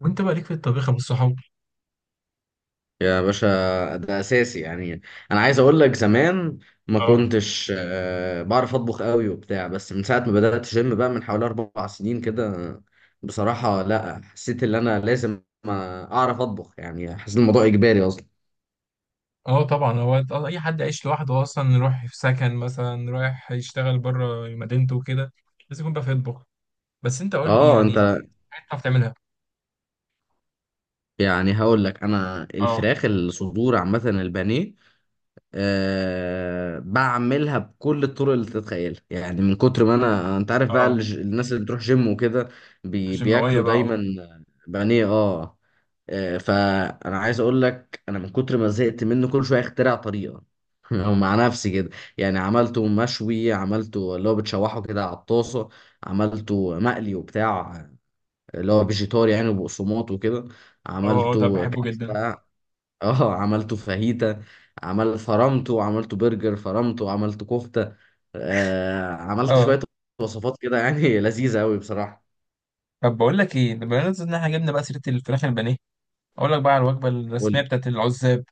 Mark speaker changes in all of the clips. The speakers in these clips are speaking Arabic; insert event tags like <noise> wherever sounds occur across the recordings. Speaker 1: وانت بقى ليك في الطبيخ يا ابو الصحاب؟
Speaker 2: يا باشا، ده اساسي يعني. انا عايز اقول لك زمان ما
Speaker 1: اه.
Speaker 2: كنتش بعرف اطبخ قوي وبتاع، بس من ساعه ما بدات جيم بقى من حوالي 4 سنين كده. بصراحه، لا، حسيت ان انا لازم اعرف اطبخ، يعني حسيت الموضوع اجباري اصلا.
Speaker 1: اه، طبعا. هو اي حد عايش لوحده اصلا، رايح في سكن مثلا، رايح يشتغل بره مدينته وكده، لازم يكون بقى في، يطبخ. بس انت قول لي
Speaker 2: اه انت.
Speaker 1: يعني حاجات بتعرف تعملها.
Speaker 2: يعني هقول لك انا
Speaker 1: اه.
Speaker 2: الفراخ الصدور عامه البانيه، أه، بعملها بكل الطرق اللي تتخيلها، يعني من كتر ما انا انت عارف بقى،
Speaker 1: اه،
Speaker 2: الناس اللي بتروح جيم وكده
Speaker 1: الجماويه
Speaker 2: بياكلوا
Speaker 1: بقى،
Speaker 2: دايما
Speaker 1: اه.
Speaker 2: بانيه. اه. فانا عايز اقول لك انا من كتر ما زهقت منه كل شويه اخترع طريقه <laughs> او مع نفسي كده، يعني عملته مشوي، عملته اللي هو بتشوحه كده على الطاسه، عملته مقلي وبتاع اللي هو فيجيتار يعني وبقسماط وكده،
Speaker 1: اه. ده
Speaker 2: عملته
Speaker 1: بحبه جدا،
Speaker 2: كبسه، اه عملته فاهيتا، عمل فرمته عملته برجر، فرمته عملته كفتة. عملت
Speaker 1: اه.
Speaker 2: شوية وصفات كده يعني <laughs> لذيذة قوي بصراحة.
Speaker 1: طب بقول لك ايه، بما ان احنا جبنا بقى سيره الفراخ البانيه، اقول لك بقى على الوجبه
Speaker 2: قول
Speaker 1: الرسميه
Speaker 2: لي.
Speaker 1: بتاعت العزاب.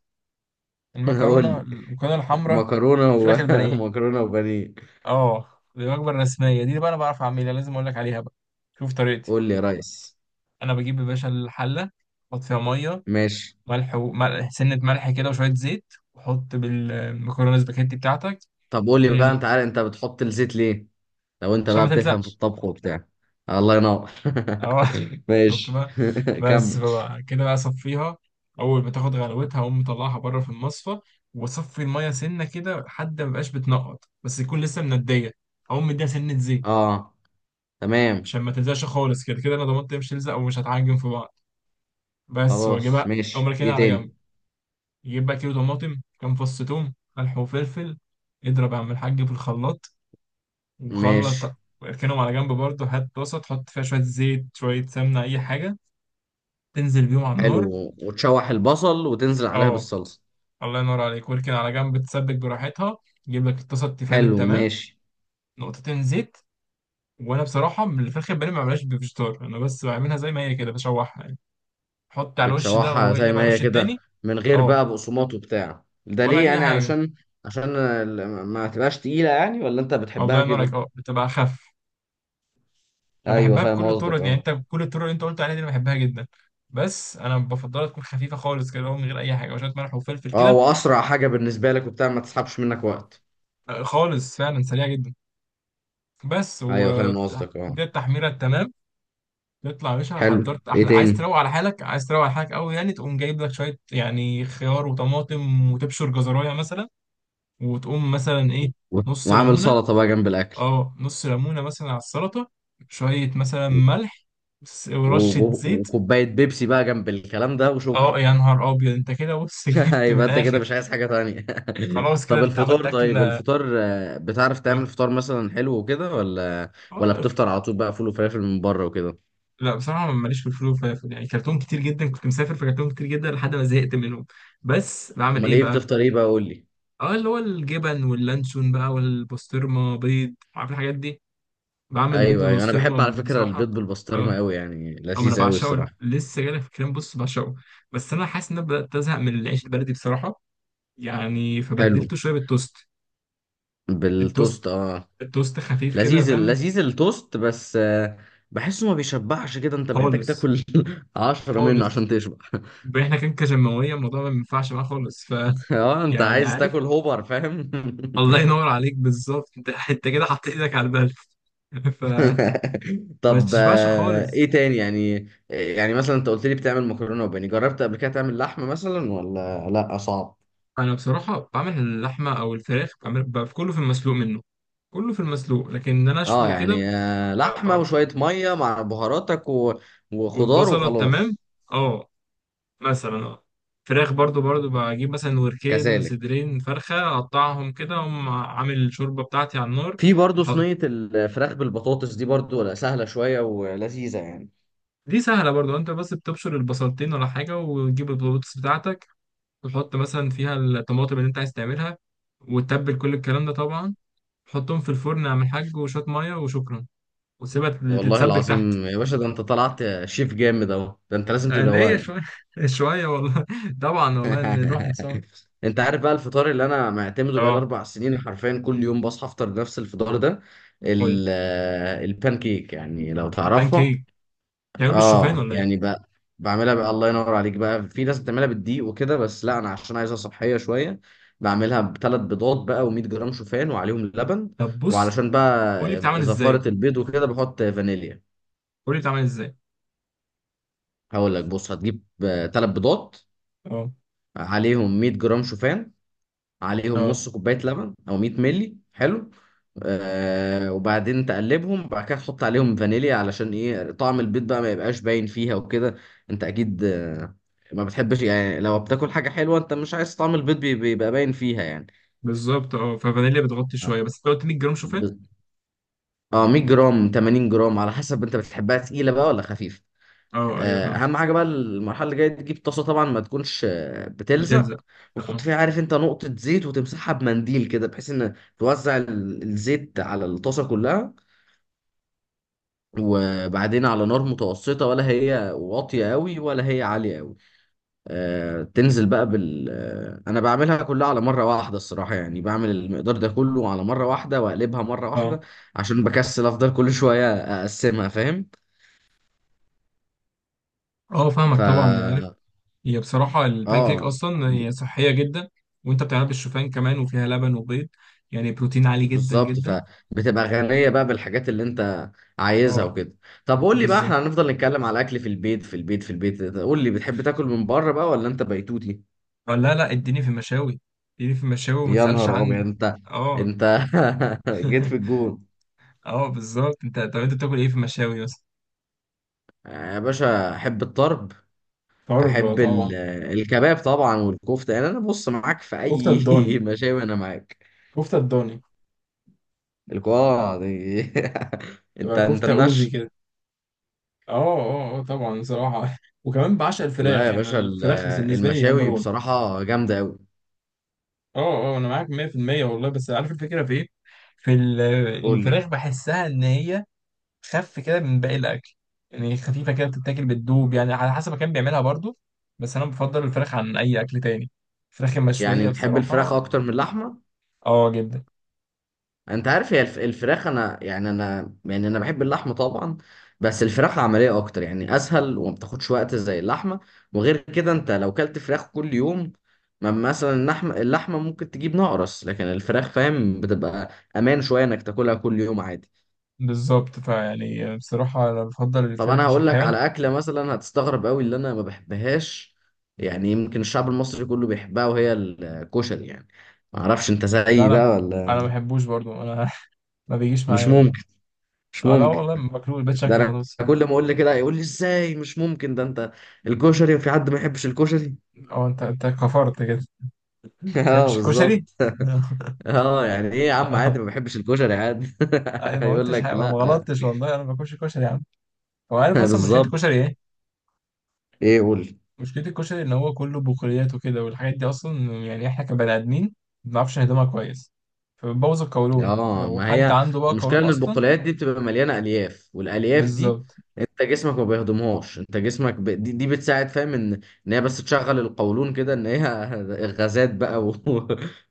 Speaker 2: <laughs> قول
Speaker 1: المكرونه
Speaker 2: لي.
Speaker 1: المكرونه الحمراء
Speaker 2: مكرونة
Speaker 1: والفراخ البانيه.
Speaker 2: ومكرونة <laughs> وبانيه.
Speaker 1: اه. دي الوجبه الرسميه دي بقى، انا بعرف اعملها، لازم اقول لك عليها بقى. شوف طريقتي.
Speaker 2: قول لي يا ريس.
Speaker 1: انا بجيب يا باشا الحله، احط فيها ميه،
Speaker 2: ماشي.
Speaker 1: ملح، وملح سنه ملح كده، وشويه زيت، وحط بالمكرونه سباكيتي بتاعتك.
Speaker 2: طب قول لي بقى،
Speaker 1: تغلي.
Speaker 2: انت عارف انت بتحط الزيت ليه؟ لو انت
Speaker 1: عشان
Speaker 2: بقى
Speaker 1: ما
Speaker 2: بتفهم في
Speaker 1: تلزقش.
Speaker 2: الطبخ وبتاع. الله ينور
Speaker 1: اه. <laughs>
Speaker 2: <laughs>
Speaker 1: شفت
Speaker 2: ماشي
Speaker 1: بقى؟
Speaker 2: <laughs>
Speaker 1: بس
Speaker 2: كمل.
Speaker 1: بقى كده بقى صفيها، اول ما تاخد غلوتها اقوم مطلعها بره في المصفى، واصفي الميه سنه كده لحد ما يبقاش بتنقط، بس يكون لسه منديه. اقوم مديها سنه زيت
Speaker 2: اه، تمام.
Speaker 1: عشان ما تلزقش خالص. كده كده انا ضمنت هي مش هتلزق ومش هتعجن في بعض. بس واجيبها،
Speaker 2: خلاص
Speaker 1: اقوم
Speaker 2: ماشي،
Speaker 1: راكنها
Speaker 2: ايه
Speaker 1: على جنب.
Speaker 2: تاني؟
Speaker 1: جيب بقى كيلو طماطم، كام فص توم، ملح وفلفل، اضرب يا عم الحاج في الخلاط. وخلص،
Speaker 2: ماشي.
Speaker 1: واركنهم على جنب برضه. هات طاسة تحط فيها شوية زيت، شوية سمنة، أي حاجة، تنزل بيهم على النار.
Speaker 2: حلو، وتشوح البصل وتنزل عليها
Speaker 1: اه،
Speaker 2: بالصلصة.
Speaker 1: الله ينور عليك، واركن على جنب تسبك براحتها. جيب لك الطاسة التيفال
Speaker 2: حلو
Speaker 1: التمام،
Speaker 2: ماشي.
Speaker 1: نقطتين زيت. وأنا بصراحة، من الفراخ البانيه ما بعملهاش بفيجيتار، أنا بس بعملها زي ما هي كده، بشوحها يعني. حط على الوش ده
Speaker 2: بتشوحها
Speaker 1: واقلب
Speaker 2: زي
Speaker 1: على
Speaker 2: ما هي
Speaker 1: الوش
Speaker 2: كده،
Speaker 1: التاني.
Speaker 2: من غير
Speaker 1: اه،
Speaker 2: بقى بقسماط وبتاع ده
Speaker 1: ولا
Speaker 2: ليه
Speaker 1: أي
Speaker 2: يعني؟
Speaker 1: حاجة.
Speaker 2: علشان ما تبقاش تقيلة يعني، ولا انت
Speaker 1: الله
Speaker 2: بتحبها
Speaker 1: ينور عليك،
Speaker 2: كده؟
Speaker 1: اه، بتبقى أخف. انا
Speaker 2: ايوه،
Speaker 1: بحبها
Speaker 2: فاهم
Speaker 1: بكل
Speaker 2: قصدك،
Speaker 1: الطرق يعني،
Speaker 2: اه.
Speaker 1: انت بكل الطرق اللي انت قلت عليها دي انا بحبها جدا. بس انا بفضلها تكون خفيفه خالص كده، اللي هو من غير اي حاجه، وشويه ملح وفلفل
Speaker 2: اه
Speaker 1: كده.
Speaker 2: واسرع حاجة بالنسبة لك وبتاع، ما تسحبش منك وقت.
Speaker 1: خالص فعلا، سريعه جدا. بس
Speaker 2: ايوه
Speaker 1: و...
Speaker 2: فاهم قصدك اه.
Speaker 1: دي التحميره التمام. تطلع يا باشا
Speaker 2: حلو،
Speaker 1: حضرت
Speaker 2: ايه
Speaker 1: احلى. عايز
Speaker 2: تاني؟
Speaker 1: تروق على حالك، عايز تروق على حالك قوي يعني، تقوم جايب لك شويه يعني خيار وطماطم، وتبشر جزرايه مثلا. وتقوم مثلا ايه،
Speaker 2: و-
Speaker 1: نص
Speaker 2: وعامل
Speaker 1: ليمونه.
Speaker 2: سلطة بقى جنب الاكل.
Speaker 1: اه، نص ليمونه مثلا على السلطه، شويه مثلا
Speaker 2: و-
Speaker 1: ملح، ورشه زيت.
Speaker 2: وكوباية بيبسي بقى جنب الكلام ده،
Speaker 1: اه
Speaker 2: وشكرا.
Speaker 1: يا نهار ابيض انت، كده بص <laughs>
Speaker 2: <laughs>
Speaker 1: جبت من
Speaker 2: يبقى انت كده
Speaker 1: الاخر.
Speaker 2: مش عايز حاجة تانية. <laughs>
Speaker 1: خلاص كده،
Speaker 2: طب
Speaker 1: انت عملت
Speaker 2: الفطار،
Speaker 1: اكل،
Speaker 2: طيب
Speaker 1: اه.
Speaker 2: الفطار، بتعرف تعمل فطار مثلا حلو وكده، ولا ولا
Speaker 1: لا،
Speaker 2: بتفطر على طول بقى فول وفلافل من بره وكده؟
Speaker 1: لا بصراحه ماليش في الفول والفلافل يعني. كرتون كتير جدا كنت مسافر، في كرتون كتير جدا لحد ما زهقت منهم. بس بعمل
Speaker 2: امال
Speaker 1: ايه
Speaker 2: ايه
Speaker 1: بقى.
Speaker 2: بتفطر، ايه بقى؟ قول لي.
Speaker 1: اه، اللي هو الجبن واللانشون بقى، والبسطرمه، بيض، عارف الحاجات دي. بعمل بيض
Speaker 2: ايوه ايوه، انا بحب على
Speaker 1: بالبسطرمه
Speaker 2: فكرة البيض
Speaker 1: بصراحه.
Speaker 2: بالبسطرمة
Speaker 1: اه.
Speaker 2: قوي يعني،
Speaker 1: او، انا
Speaker 2: لذيذ قوي
Speaker 1: بعشقه،
Speaker 2: الصراحة.
Speaker 1: لسه جايلك في الكلام بص بعشقه. بس انا حاسس ان انا بدات ازهق من العيش البلدي بصراحه، يعني
Speaker 2: حلو.
Speaker 1: فبدلته شويه بالتوست. التوست.
Speaker 2: بالتوست اه.
Speaker 1: التوست خفيف كده،
Speaker 2: لذيذ
Speaker 1: فاهم؟
Speaker 2: لذيذ التوست، بس بحسه ما بيشبعش كده، انت محتاج
Speaker 1: خالص.
Speaker 2: تاكل <laughs> 10 منه عشان
Speaker 1: خالص.
Speaker 2: تشبع. <laughs>
Speaker 1: احنا كان كجماوية، الموضوع ما ينفعش معاه خالص. ف...
Speaker 2: اه، انت
Speaker 1: يعني
Speaker 2: عايز
Speaker 1: عارف.
Speaker 2: تاكل هوبر، فاهم.
Speaker 1: الله
Speaker 2: <laughs>
Speaker 1: ينور عليك بالظبط انت <laughs> انت كده حطيت ايدك على البلد. <laughs> ف...
Speaker 2: <laughs>
Speaker 1: ما
Speaker 2: طب
Speaker 1: تشبعش خالص.
Speaker 2: ايه تاني يعني؟ يعني مثلا انت قلت لي بتعمل مكرونه وبانيه، جربت قبل كده تعمل لحمه مثلا ولا لا صعب؟
Speaker 1: انا بصراحة بعمل اللحمة او الفراخ، بعمل كله في المسلوق منه. كله في المسلوق، لكن ان انا
Speaker 2: اه
Speaker 1: اشوي كده
Speaker 2: يعني،
Speaker 1: ما
Speaker 2: لحمه
Speaker 1: بعرفش.
Speaker 2: وشويه ميه مع بهاراتك وخضار
Speaker 1: والبصلة تمام.
Speaker 2: وخلاص.
Speaker 1: اه. مثلا اه، فراخ برضو، بجيب مثلا وركين
Speaker 2: كذلك.
Speaker 1: صدرين فرخة، اقطعهم كده، اقوم عامل الشوربة بتاعتي على النار.
Speaker 2: في برضو
Speaker 1: أح-
Speaker 2: صينيه الفراخ بالبطاطس دي برضو، ولا سهله شويه ولذيذه يعني.
Speaker 1: دي سهلة برضو. انت بس بتبشر البصلتين ولا حاجة، وتجيب البطاطس بتاعتك، وتحط مثلا فيها الطماطم اللي انت عايز تعملها، وتتبل كل الكلام ده طبعا. تحطهم في الفرن، اعمل حاج، وشوية مية وشكرا. وسيبها
Speaker 2: والله
Speaker 1: تتسبك تحت.
Speaker 2: العظيم يا باشا، ده انت طلعت شيف جامد اهو، ده انت لازم
Speaker 1: ليه
Speaker 2: تدوقني.
Speaker 1: شوية. <laughs> شوية والله، <laughs> طبعا والله، نروح
Speaker 2: <laughs>
Speaker 1: نسوا.
Speaker 2: انت عارف بقى الفطار اللي انا معتمده بقى
Speaker 1: اه.
Speaker 2: 4 سنين؟ حرفيا كل يوم بصحى افطر نفس الفطار ده،
Speaker 1: قولي.
Speaker 2: البان كيك يعني، لو
Speaker 1: بان
Speaker 2: تعرفها.
Speaker 1: كيك. بتعمله بالشوفان
Speaker 2: اه
Speaker 1: ولا ايه؟
Speaker 2: يعني بقى، بعملها بقى الله ينور عليك بقى، في ناس بتعملها بالدقيق وكده، بس لا، انا عشان عايزها صحيه شويه بعملها بثلاث بيضات بقى و100 جرام شوفان وعليهم لبن،
Speaker 1: طب بص،
Speaker 2: وعلشان
Speaker 1: قولي بتعمل
Speaker 2: بقى
Speaker 1: ازاي
Speaker 2: زفاره البيض وكده بحط فانيليا.
Speaker 1: قولي بتعمل ازاي؟
Speaker 2: هقول لك بص، هتجيب ثلاث بيضات،
Speaker 1: اه.
Speaker 2: عليهم 100 جرام شوفان، عليهم
Speaker 1: اه
Speaker 2: نص كوباية لبن أو 100 مللي، حلو. آه، وبعدين تقلبهم بعد كده تحط عليهم فانيليا، علشان ايه؟ طعم البيض بقى ما يبقاش باين فيها وكده. انت اكيد آه، ما بتحبش يعني لو بتاكل حاجة حلوة انت مش عايز طعم البيض بيبقى باين فيها يعني.
Speaker 1: بالظبط، اه ففانيليا بتغطي شوية، بس انت قلت 100 جرام شوفان؟
Speaker 2: ب- اه، 100 جرام 80 جرام على حسب انت بتحبها تقيلة بقى ولا خفيفة.
Speaker 1: اه ايوه فهمت.
Speaker 2: اهم حاجه بقى، المرحله اللي جايه دي، تجيب طاسه طبعا ما تكونش بتلزق،
Speaker 1: بتلزق.
Speaker 2: وتحط
Speaker 1: اه.
Speaker 2: فيها، عارف انت، نقطه زيت وتمسحها بمنديل كده، بحيث ان توزع الزيت على الطاسه كلها، وبعدين على نار متوسطه، ولا هي واطيه قوي ولا هي عاليه قوي. تنزل بقى بال آه، انا بعملها كلها على مره واحده الصراحه، يعني بعمل المقدار ده كله على مره واحده واقلبها مره واحده،
Speaker 1: اه.
Speaker 2: عشان بكسل افضل كل شويه اقسمها، فاهم.
Speaker 1: اه
Speaker 2: ف
Speaker 1: فاهمك طبعا، انا عارف. هي بصراحه البانكيك
Speaker 2: اه
Speaker 1: اصلا هي صحيه جدا، وانت بتعملها بالشوفان كمان، وفيها لبن وبيض، يعني بروتين عالي جدا
Speaker 2: بالظبط،
Speaker 1: جدا.
Speaker 2: فبتبقى غنية بقى بالحاجات اللي انت عايزها
Speaker 1: اه.
Speaker 2: وكده. طب قول لي بقى،
Speaker 1: بالظبط.
Speaker 2: احنا هنفضل نتكلم على الاكل في البيت في البيت في البيت؟ قول لي، بتحب تاكل من بره بقى ولا انت بيتوتي؟
Speaker 1: اه، لا لا، اديني في المشاوي، اديني في المشاوي وما
Speaker 2: يا
Speaker 1: تسالش
Speaker 2: نهار ابيض
Speaker 1: عني.
Speaker 2: انت.
Speaker 1: اه.
Speaker 2: انت <laughs> جيت في
Speaker 1: <laughs>
Speaker 2: الجون.
Speaker 1: اه، بالظبط انت. طب انت بتاكل ايه في المشاوي اصلا؟
Speaker 2: يا باشا، احب الطرب،
Speaker 1: طرب
Speaker 2: احب
Speaker 1: طبعا.
Speaker 2: الكباب طبعا والكفتة، يعني انا بص معاك في
Speaker 1: كفتة
Speaker 2: اي <laughs>
Speaker 1: الضاني،
Speaker 2: مشاوي، انا معاك.
Speaker 1: كفتة الضاني،
Speaker 2: الكوارع دي. <laughs> انت
Speaker 1: تبقى
Speaker 2: انت
Speaker 1: كفتة أوزي
Speaker 2: النش.
Speaker 1: كده. اه. اه، اه، طبعا بصراحة <laughs> وكمان بعشق
Speaker 2: لا
Speaker 1: الفراخ
Speaker 2: يا
Speaker 1: يعني.
Speaker 2: باشا،
Speaker 1: الفراخ بالنسبة لي نمبر
Speaker 2: المشاوي
Speaker 1: واحد.
Speaker 2: بصراحة جامدة قوي.
Speaker 1: اه. اه انا معاك 100% والله. بس عارف الفكره في ايه؟ في ال-
Speaker 2: قول لي.
Speaker 1: الفراخ بحسها ان هي خف كده من باقي الاكل، يعني خفيفه كده، بتتاكل بتدوب يعني، على حسب كان بيعملها برضو. بس انا بفضل الفراخ عن اي اكل تاني، الفراخ
Speaker 2: يعني
Speaker 1: المشويه
Speaker 2: بتحب الفراخ
Speaker 1: بصراحه.
Speaker 2: اكتر من اللحمه؟
Speaker 1: اه جدا.
Speaker 2: انت عارف، هي الفراخ، انا يعني، انا يعني، انا بحب اللحمه طبعا، بس الفراخ عمليه اكتر يعني، اسهل وما بتاخدش وقت زي اللحمه، وغير كده انت لو كلت فراخ كل يوم، ما مثلا اللحمه، اللحمه ممكن تجيب نقرس، لكن الفراخ، فاهم، بتبقى امان شويه انك تاكلها كل يوم عادي.
Speaker 1: بالظبط، فيعني بصراحه انا بفضل
Speaker 2: طب
Speaker 1: الفراخ
Speaker 2: انا
Speaker 1: مش
Speaker 2: هقول لك
Speaker 1: الحيوان.
Speaker 2: على اكله مثلا هتستغرب قوي اللي انا ما بحبهاش، يعني يمكن الشعب المصري كله بيحبها، وهي الكشري يعني، ما اعرفش انت
Speaker 1: لا
Speaker 2: زيي بقى
Speaker 1: انا،
Speaker 2: ولا.
Speaker 1: انا ما بحبوش برضو، انا <laughs> ما بيجيش معايا
Speaker 2: مش
Speaker 1: ولا.
Speaker 2: ممكن، مش
Speaker 1: اه لا
Speaker 2: ممكن،
Speaker 1: والله ماكلوش، بقيت
Speaker 2: ده
Speaker 1: شكله
Speaker 2: انا
Speaker 1: خلاص.
Speaker 2: كل ما اقول لي كده يقول لي ازاي مش ممكن؟ ده انت الكشري، في حد ما يحبش الكشري؟
Speaker 1: اه، انت كفرت كده <laughs> ما
Speaker 2: <laughs> اه
Speaker 1: تحبش الكشري؟
Speaker 2: بالظبط. <laughs>
Speaker 1: <laughs>
Speaker 2: اه يعني ايه يا عم، عادي
Speaker 1: اه،
Speaker 2: ما بحبش الكشري، عادي.
Speaker 1: انا
Speaker 2: <laughs>
Speaker 1: ما
Speaker 2: يقول
Speaker 1: قلتش
Speaker 2: لك
Speaker 1: حاجه، ما
Speaker 2: لا. <laughs>
Speaker 1: غلطتش والله، انا ما باكلش كشري يا عم. هو عارف اصلا مشكله
Speaker 2: بالظبط.
Speaker 1: الكشري ايه؟
Speaker 2: ايه، قول.
Speaker 1: مشكله الكشري ان هو كله بقوليات وكده، والحاجات دي اصلا يعني احنا كبني ادمين ما بنعرفش نهضمها كويس، فبتبوظ القولون
Speaker 2: اه،
Speaker 1: لو
Speaker 2: ما
Speaker 1: حد
Speaker 2: هي
Speaker 1: عنده بقى
Speaker 2: المشكله
Speaker 1: قولون
Speaker 2: ان
Speaker 1: اصلا.
Speaker 2: البقوليات دي بتبقى مليانه الياف، والالياف دي
Speaker 1: بالظبط.
Speaker 2: انت جسمك ما بيهضمهاش، انت جسمك دي بتساعد، فاهم، ان ان هي بس تشغل القولون كده، ان هي <laughs> غازات بقى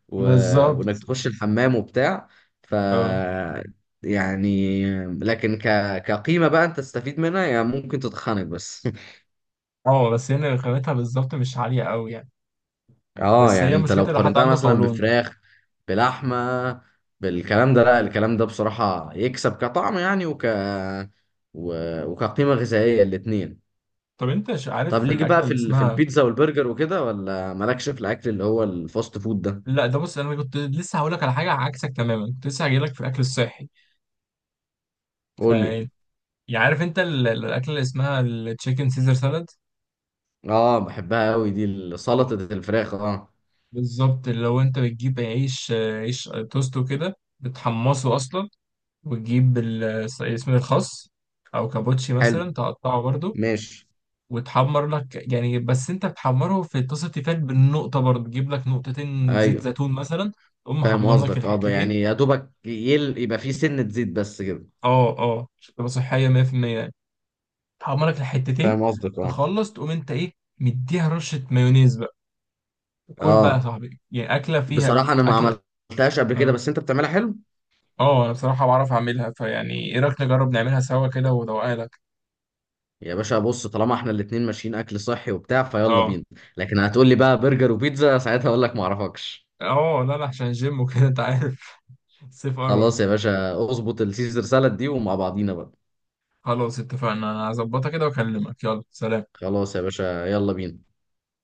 Speaker 2: و...
Speaker 1: بالظبط.
Speaker 2: وانك تخش
Speaker 1: بس-
Speaker 2: الحمام وبتاع. ف
Speaker 1: اه.
Speaker 2: يعني لكن كقيمه بقى انت تستفيد منها يعني، ممكن تتخنق بس.
Speaker 1: اه. بس هنا رخامتها بالظبط مش عاليه قوي يعني.
Speaker 2: اه
Speaker 1: بس
Speaker 2: يعني
Speaker 1: هي
Speaker 2: انت لو
Speaker 1: مشكلتها لو حد
Speaker 2: قارنتها
Speaker 1: عنده
Speaker 2: مثلا
Speaker 1: قولون.
Speaker 2: بفراخ، بلحمه، بالكلام ده، لا، الكلام ده بصراحه يكسب كطعم يعني و... وكقيمه غذائيه الاتنين.
Speaker 1: طب انت، عارف
Speaker 2: طب
Speaker 1: في
Speaker 2: ليك
Speaker 1: الاكله
Speaker 2: بقى في
Speaker 1: اللي
Speaker 2: في
Speaker 1: اسمها...
Speaker 2: البيتزا والبرجر وكده، ولا مالكش في الاكل اللي هو الفاست فود ده؟
Speaker 1: لا ده بص، انا كنت لسه هقول لك على حاجه عكسك تماما، كنت لسه هجيلك في الاكل الصحي.
Speaker 2: قول لي.
Speaker 1: فانت، يعني عارف انت الاكله اللي اسمها التشيكن سيزر سالاد؟
Speaker 2: اه بحبها قوي دي،
Speaker 1: او،
Speaker 2: سلطه الفراخ اه.
Speaker 1: بالظبط، اللي هو انت بتجيب عيش، عيش توست وكده، بتحمصه اصلا. وتجيب اسمه الخس، او كابوتشي
Speaker 2: حلو
Speaker 1: مثلا، تقطعه برضو،
Speaker 2: ماشي.
Speaker 1: وتحمر لك يعني، بس انت بتحمره في طاسه تيفال بالنقطه برضو، تجيب لك نقطتين زيت
Speaker 2: ايوه
Speaker 1: زيتون مثلا، تقوم
Speaker 2: فاهم
Speaker 1: محمر لك
Speaker 2: قصدك اه، يعني
Speaker 1: الحتتين.
Speaker 2: يا دوبك يبقى فيه سنه زيت بس كده.
Speaker 1: اه، عشان تبقى صحيه 100% يعني. تحمر لك الحتتين،
Speaker 2: فاهم قصدك اه.
Speaker 1: تخلص تقوم انت ايه، مديها رشه مايونيز. كل بقى يا
Speaker 2: اه
Speaker 1: صاحبي، يعني أكلة فيها،
Speaker 2: بصراحة أنا ما
Speaker 1: أكلة.
Speaker 2: عملتهاش قبل كده،
Speaker 1: اه.
Speaker 2: بس أنت بتعملها حلو.
Speaker 1: اه، أنا بصراحة بعرف أعملها، فيعني إيه رأيك؟ نجرب نعملها سوا كده وأدوقها لك.
Speaker 2: يا باشا بص، طالما إحنا الاتنين ماشيين أكل صحي وبتاع، فيلا
Speaker 1: اه.
Speaker 2: بينا. لكن هتقول لي بقى برجر وبيتزا ساعتها، أقول لك ما أعرفكش.
Speaker 1: اه، لا لا، عشان الجيم وكده أنت عارف. <laughs> الصيف قرب.
Speaker 2: خلاص يا باشا، اظبط السيزر سالاد دي ومع بعضينا بقى.
Speaker 1: خلاص اتفقنا، أنا هظبطها كده وأكلمك. يلا سلام.
Speaker 2: خلاص يا باشا، يلا بينا.